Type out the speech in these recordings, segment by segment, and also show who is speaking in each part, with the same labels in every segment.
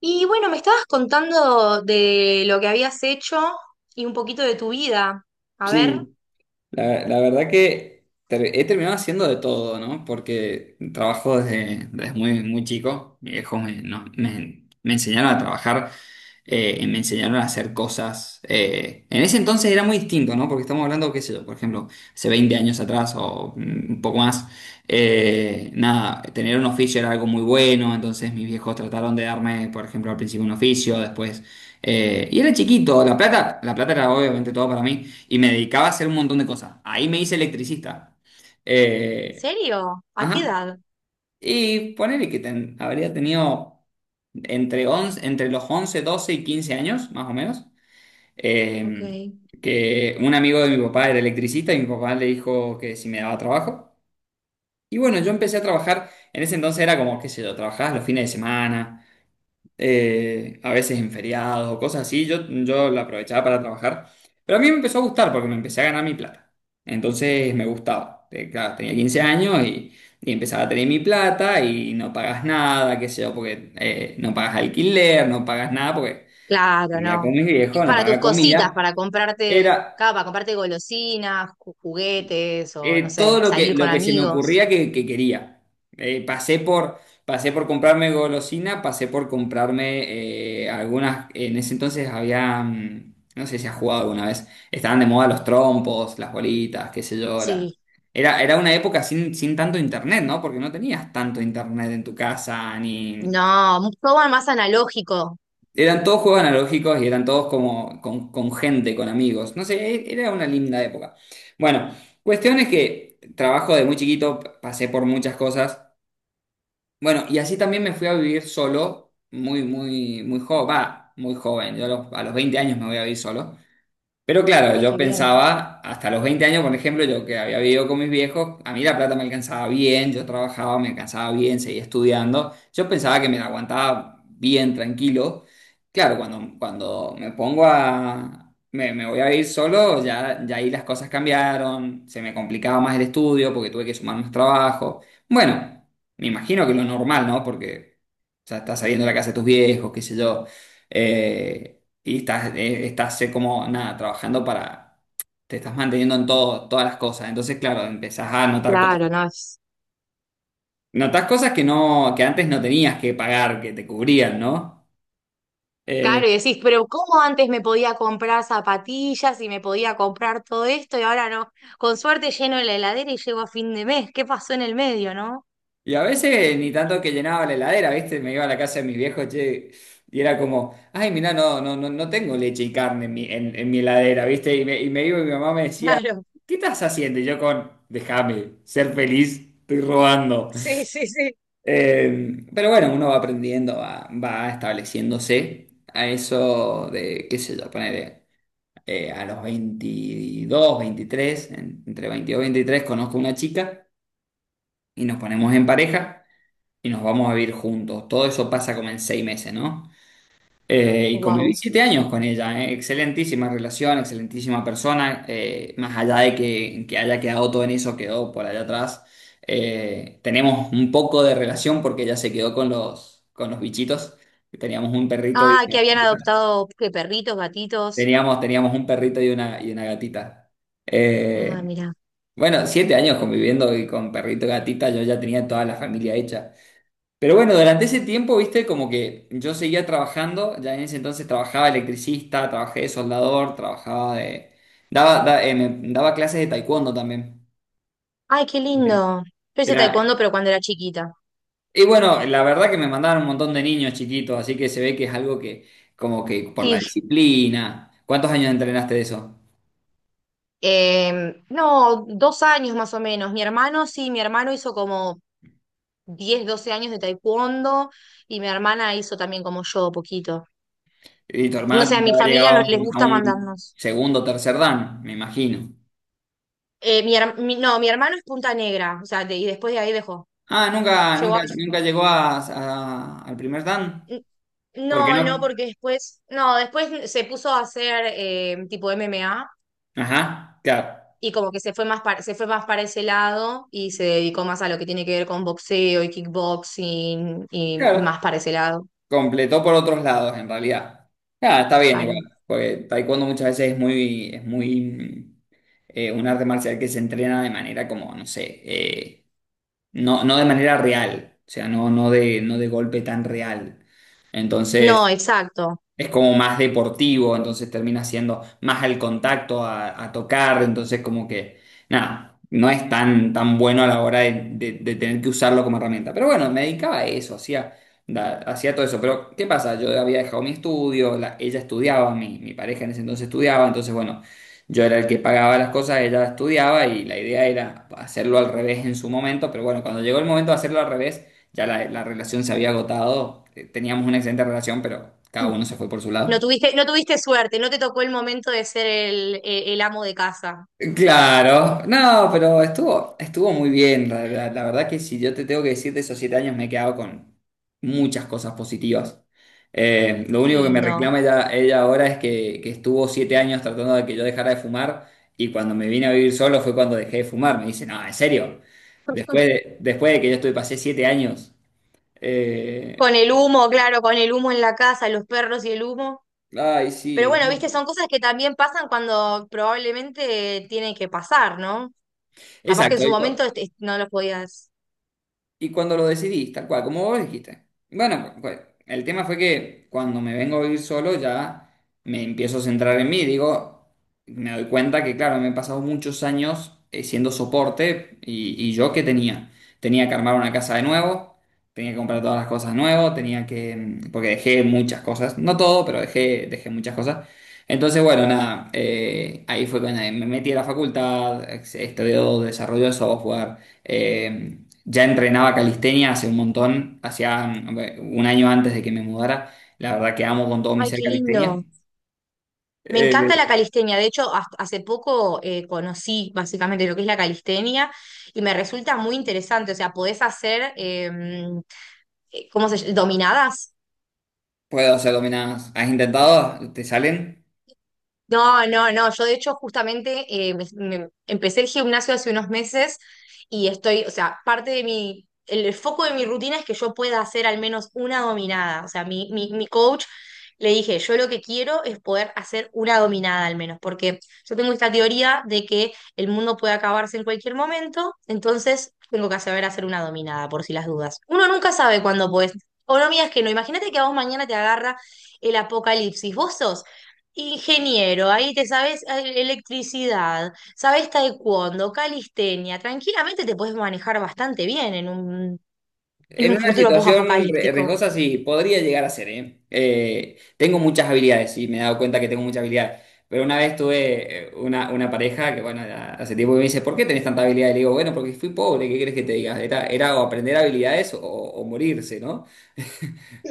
Speaker 1: Y bueno, me estabas contando de lo que habías hecho y un poquito de tu vida. A ver,
Speaker 2: Sí, la verdad que he terminado haciendo de todo, ¿no? Porque trabajo desde muy, muy chico. Mis viejos me, no- me- me enseñaron a trabajar, y me enseñaron a hacer cosas. En ese entonces era muy distinto, ¿no? Porque estamos hablando, qué sé yo, por ejemplo, hace 20 años atrás o un poco más. Nada, tener un oficio era algo muy bueno, entonces mis viejos trataron de darme, por ejemplo, al principio un oficio, después. Y era chiquito, la plata era obviamente todo para mí. Y me dedicaba a hacer un montón de cosas. Ahí me hice electricista.
Speaker 1: ¿en
Speaker 2: Eh,
Speaker 1: serio? ¿A qué
Speaker 2: ajá.
Speaker 1: edad?
Speaker 2: Y ponele que habría tenido entre los 11, 12 y 15 años, más o menos.
Speaker 1: Ok.
Speaker 2: eh, que un amigo de mi papá era electricista y mi papá le dijo que si me daba trabajo. Y bueno, yo empecé a trabajar. En ese entonces era como, qué sé yo, trabajabas los fines de semana, a veces en feriados o cosas así, yo la aprovechaba para trabajar, pero a mí me empezó a gustar porque me empecé a ganar mi plata, entonces me gustaba. Claro, tenía 15 años y empezaba a tener mi plata y no pagas nada, qué sé yo, porque no pagas alquiler, no pagas nada porque
Speaker 1: Claro,
Speaker 2: vivía con
Speaker 1: no.
Speaker 2: mis
Speaker 1: Es
Speaker 2: viejos, no
Speaker 1: para tus
Speaker 2: pagaba
Speaker 1: cositas,
Speaker 2: comida,
Speaker 1: para comprarte,
Speaker 2: era
Speaker 1: claro, para comprarte golosinas, juguetes o no
Speaker 2: todo
Speaker 1: sé, salir con
Speaker 2: lo que se me
Speaker 1: amigos.
Speaker 2: ocurría que quería. Eh, pasé por, pasé por comprarme golosina, pasé por comprarme algunas, en ese entonces había, no sé si has jugado alguna vez, estaban de moda los trompos, las bolitas, qué sé yo.
Speaker 1: Sí.
Speaker 2: Era una época sin tanto internet, ¿no? Porque no tenías tanto internet en tu casa, ni,
Speaker 1: No, todo más analógico.
Speaker 2: eran todos juegos analógicos y eran todos como con gente, con amigos. No sé, era una linda época. Bueno, cuestión es que trabajo de muy chiquito, pasé por muchas cosas. Bueno, y así también me fui a vivir solo, muy, muy, muy joven. Va, muy joven. Yo a los 20 años me voy a vivir solo. Pero claro,
Speaker 1: Ay,
Speaker 2: yo
Speaker 1: qué bien.
Speaker 2: pensaba, hasta los 20 años, por ejemplo, yo que había vivido con mis viejos, a mí la plata me alcanzaba bien, yo trabajaba, me alcanzaba bien, seguía estudiando, yo pensaba que me la aguantaba bien, tranquilo. Claro, cuando me voy a ir solo, ya ahí las cosas cambiaron, se me complicaba más el estudio porque tuve que sumar más trabajo. Bueno, me imagino que lo normal, ¿no? Porque, o sea, estás saliendo de la casa de tus viejos, qué sé yo. Eh, y estás, como, nada, trabajando para. Te estás manteniendo en todo, todas las cosas. Entonces, claro, empezás a notar cosas.
Speaker 1: Claro, no.
Speaker 2: Notás cosas que no, que antes no tenías que pagar, que te cubrían, ¿no? Eh,
Speaker 1: Claro, y decís, pero ¿cómo antes me podía comprar zapatillas y me podía comprar todo esto y ahora no? Con suerte lleno la heladera y llego a fin de mes. ¿Qué pasó en el medio, no?
Speaker 2: y a veces ni tanto que llenaba la heladera, ¿viste? Me iba a la casa de mis viejos, che, y era como, ay, mirá, no, no, no, no tengo leche y carne en mi heladera, ¿viste? Y me iba y mi mamá me decía,
Speaker 1: Claro,
Speaker 2: ¿qué estás haciendo? Y yo con, déjame ser feliz, estoy robando.
Speaker 1: sí, sí, sí.
Speaker 2: Pero bueno, uno va aprendiendo, va estableciéndose a eso de, qué sé yo, poner a los 22, 23, entre 22 y 23 conozco una chica y nos ponemos en pareja y nos vamos a vivir juntos. Todo eso pasa como en 6 meses, ¿no? Y conviví
Speaker 1: Wow.
Speaker 2: 7 años con ella. Excelentísima relación, excelentísima persona, más allá de que haya quedado todo en eso, quedó por allá atrás. Tenemos un poco de relación porque ella se quedó con los bichitos, que teníamos un perrito y
Speaker 1: Ah,
Speaker 2: una
Speaker 1: que habían
Speaker 2: gatita.
Speaker 1: adoptado ¿qué, perritos, gatitos.
Speaker 2: Teníamos un perrito y una gatita.
Speaker 1: Ah,
Speaker 2: Eh,
Speaker 1: mira.
Speaker 2: bueno, 7 años conviviendo y con perrito y gatita, yo ya tenía toda la familia hecha. Pero bueno, durante ese tiempo, viste, como que yo seguía trabajando, ya en ese entonces trabajaba electricista, trabajé de soldador, trabajaba de. Daba clases de taekwondo también.
Speaker 1: Ay, qué
Speaker 2: Eh,
Speaker 1: lindo. Yo hice
Speaker 2: Era,
Speaker 1: taekwondo, pero cuando era chiquita.
Speaker 2: y bueno, la verdad que me mandaban un montón de niños chiquitos, así que se ve que es algo que, como que por la
Speaker 1: Sí.
Speaker 2: disciplina. ¿Cuántos años entrenaste de eso?
Speaker 1: No, dos años más o menos. Mi hermano, sí, mi hermano hizo como 10, 12 años de taekwondo y mi hermana hizo también como yo, poquito.
Speaker 2: Y tu
Speaker 1: No
Speaker 2: hermano
Speaker 1: sé, a
Speaker 2: tiene que
Speaker 1: mi
Speaker 2: haber
Speaker 1: familia
Speaker 2: llegado
Speaker 1: no les
Speaker 2: a
Speaker 1: gusta
Speaker 2: un
Speaker 1: mandarnos.
Speaker 2: segundo, o tercer dan, me imagino.
Speaker 1: No, mi hermano es Punta Negra, y después de ahí dejó.
Speaker 2: Ah, nunca,
Speaker 1: Llegó
Speaker 2: nunca,
Speaker 1: a...
Speaker 2: nunca llegó al primer dan. Porque
Speaker 1: No, no,
Speaker 2: no.
Speaker 1: porque después, no, después se puso a hacer tipo MMA
Speaker 2: Ajá, claro,
Speaker 1: y como que se fue más para, se fue más para ese lado y se dedicó más a lo que tiene que ver con boxeo y kickboxing y más
Speaker 2: claro.
Speaker 1: para ese lado,
Speaker 2: Completó por otros lados, en realidad. Ah, está bien igual,
Speaker 1: claro.
Speaker 2: porque taekwondo muchas veces es muy, un arte marcial que se entrena de manera como, no sé, no, no de manera real, o sea, no, no de, no de golpe tan real.
Speaker 1: No,
Speaker 2: Entonces,
Speaker 1: exacto.
Speaker 2: es como más deportivo, entonces termina siendo más al contacto, a tocar, entonces como que, nada, no es tan, tan bueno a la hora de tener que usarlo como herramienta. Pero bueno, me dedicaba a eso, hacía todo eso. Pero, ¿qué pasa? Yo había dejado mi estudio, ella estudiaba, mi pareja en ese entonces estudiaba, entonces bueno, yo era el que pagaba las cosas, ella estudiaba y la idea era hacerlo al revés en su momento, pero bueno, cuando llegó el momento de hacerlo al revés ya la relación se había agotado, teníamos una excelente relación, pero cada uno se fue por su
Speaker 1: No
Speaker 2: lado.
Speaker 1: tuviste, no tuviste suerte, no te tocó el momento de ser el, el amo de casa.
Speaker 2: Claro, no, pero estuvo muy bien. La verdad que si yo te tengo que decir de esos 7 años me he quedado con muchas cosas positivas. Lo
Speaker 1: Qué
Speaker 2: único que me
Speaker 1: lindo.
Speaker 2: reclama ella ahora es que estuvo 7 años tratando de que yo dejara de fumar y cuando me vine a vivir solo fue cuando dejé de fumar. Me dice, no, en serio, después de que yo estuve, pasé 7 años. Eh,
Speaker 1: Con el humo, claro, con el humo en la casa, los perros y el humo.
Speaker 2: ay,
Speaker 1: Pero
Speaker 2: sí.
Speaker 1: bueno, viste, son cosas que también pasan cuando probablemente tienen que pasar, ¿no? Capaz que en
Speaker 2: Exacto.
Speaker 1: su momento este, no los podías.
Speaker 2: Y cuando lo decidí, tal cual, como vos dijiste. Bueno, pues, el tema fue que cuando me vengo a vivir solo ya me empiezo a centrar en mí. Digo, me doy cuenta que, claro, me he pasado muchos años, siendo soporte y yo qué tenía. Tenía que armar una casa de nuevo, tenía que comprar todas las cosas de nuevo, tenía que. Porque dejé muchas cosas, no todo, pero dejé muchas cosas. Entonces, bueno, nada, ahí fue cuando me metí a la facultad, estudié desarrollo de software. Eh, ya entrenaba calistenia hace un montón, hacía un año antes de que me mudara. La verdad que amo con todo mi
Speaker 1: Ay,
Speaker 2: ser
Speaker 1: qué
Speaker 2: calistenia.
Speaker 1: lindo. Me encanta la
Speaker 2: Eh,
Speaker 1: calistenia. De hecho, hasta... hace poco conocí básicamente lo que es la calistenia y me resulta muy interesante. O sea, podés hacer, ¿cómo se llama? Dominadas.
Speaker 2: puedo hacer dominadas. ¿Has intentado? ¿Te salen?
Speaker 1: No, no, no. Yo de hecho justamente empecé el gimnasio hace unos meses y estoy, o sea, parte de mi, el foco de mi rutina es que yo pueda hacer al menos una dominada. O sea, mi coach le dije, yo lo que quiero es poder hacer una dominada al menos, porque yo tengo esta teoría de que el mundo puede acabarse en cualquier momento, entonces tengo que saber hacer una dominada por si las dudas. Uno nunca sabe cuándo puedes. O no, mías que no. Imagínate que a vos mañana te agarra el apocalipsis. Vos sos ingeniero, ahí te sabes electricidad, sabes taekwondo, calistenia, tranquilamente te puedes manejar bastante bien en
Speaker 2: En
Speaker 1: un
Speaker 2: una
Speaker 1: futuro
Speaker 2: situación
Speaker 1: post-apocalíptico.
Speaker 2: riesgosa sí, podría llegar a ser, ¿eh? Tengo muchas habilidades y me he dado cuenta que tengo muchas habilidades. Pero una vez tuve una pareja que, bueno, ya hace tiempo que me dice, ¿por qué tenés tanta habilidad? Y le digo, bueno, porque fui pobre, ¿qué querés que te diga? Era o aprender habilidades o morirse, ¿no?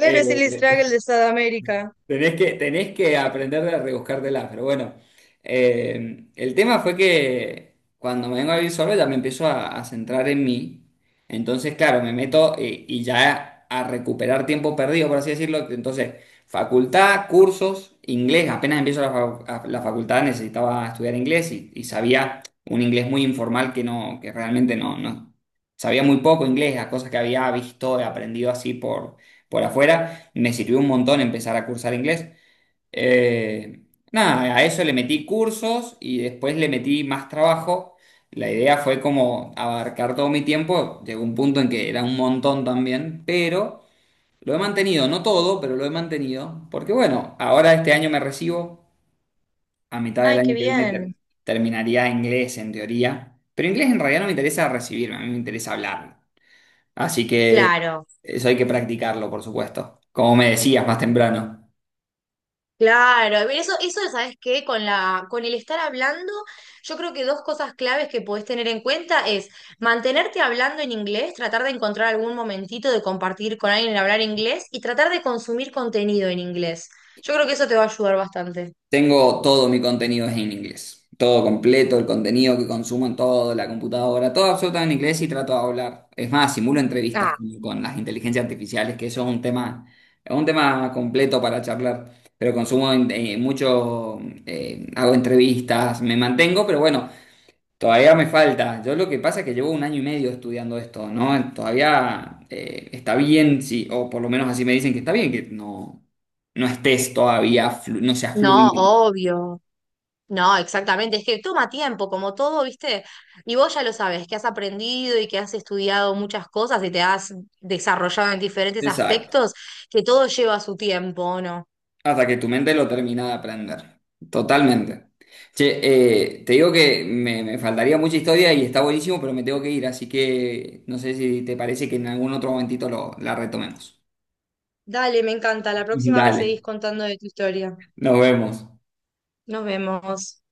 Speaker 2: Eh,
Speaker 1: es el struggle de Sudamérica.
Speaker 2: tenés que aprender de rebuscártela, pero bueno. El tema fue que cuando me vengo a vivir solo ya me empiezo a centrar en mí. Entonces, claro, me meto ya a recuperar tiempo perdido, por así decirlo. Entonces, facultad, cursos, inglés. Apenas empiezo la facultad necesitaba estudiar inglés y sabía un inglés muy informal que no, que realmente no, no. Sabía muy poco inglés, las cosas que había visto y aprendido así por afuera. Me sirvió un montón empezar a cursar inglés. Eh, nada, a eso le metí cursos y después le metí más trabajo. La idea fue como abarcar todo mi tiempo. Llegó un punto en que era un montón también, pero lo he mantenido, no todo, pero lo he mantenido. Porque bueno, ahora este año me recibo, a mitad del
Speaker 1: Ay,
Speaker 2: año
Speaker 1: qué
Speaker 2: que viene
Speaker 1: bien.
Speaker 2: terminaría inglés en teoría. Pero inglés en realidad no me interesa recibirme, a mí me interesa hablarlo. Así que
Speaker 1: Claro.
Speaker 2: eso hay que practicarlo, por supuesto. Como me decías más temprano.
Speaker 1: Claro, pero eso, ¿sabes qué? Con la, con el estar hablando, yo creo que dos cosas claves que podés tener en cuenta es mantenerte hablando en inglés, tratar de encontrar algún momentito de compartir con alguien en hablar inglés y tratar de consumir contenido en inglés. Yo creo que eso te va a ayudar bastante.
Speaker 2: Tengo todo mi contenido es en inglés. Todo completo, el contenido que consumo en todo, la computadora, todo absolutamente en inglés y trato de hablar. Es más, simulo entrevistas
Speaker 1: Ah.
Speaker 2: con las inteligencias artificiales, que eso es un tema completo para charlar. Pero consumo mucho, hago entrevistas, me mantengo, pero bueno, todavía me falta. Yo lo que pasa es que llevo un año y medio estudiando esto, ¿no? Todavía está bien, sí, o por lo menos así me dicen que está bien, que no, no estés todavía, no seas
Speaker 1: No,
Speaker 2: fluido.
Speaker 1: obvio. No, exactamente. Es que toma tiempo, como todo, ¿viste? Y vos ya lo sabes, que has aprendido y que has estudiado muchas cosas y te has desarrollado en diferentes
Speaker 2: Exacto.
Speaker 1: aspectos, que todo lleva su tiempo, ¿o ¿no?
Speaker 2: Hasta que tu mente lo termina de aprender. Totalmente. Che, te digo que me faltaría mucha historia y está buenísimo, pero me tengo que ir, así que no sé si te parece que en algún otro momentito lo, la retomemos.
Speaker 1: Dale, me encanta. La próxima me
Speaker 2: Dale,
Speaker 1: seguís contando de tu historia.
Speaker 2: nos vemos.
Speaker 1: Nos vemos.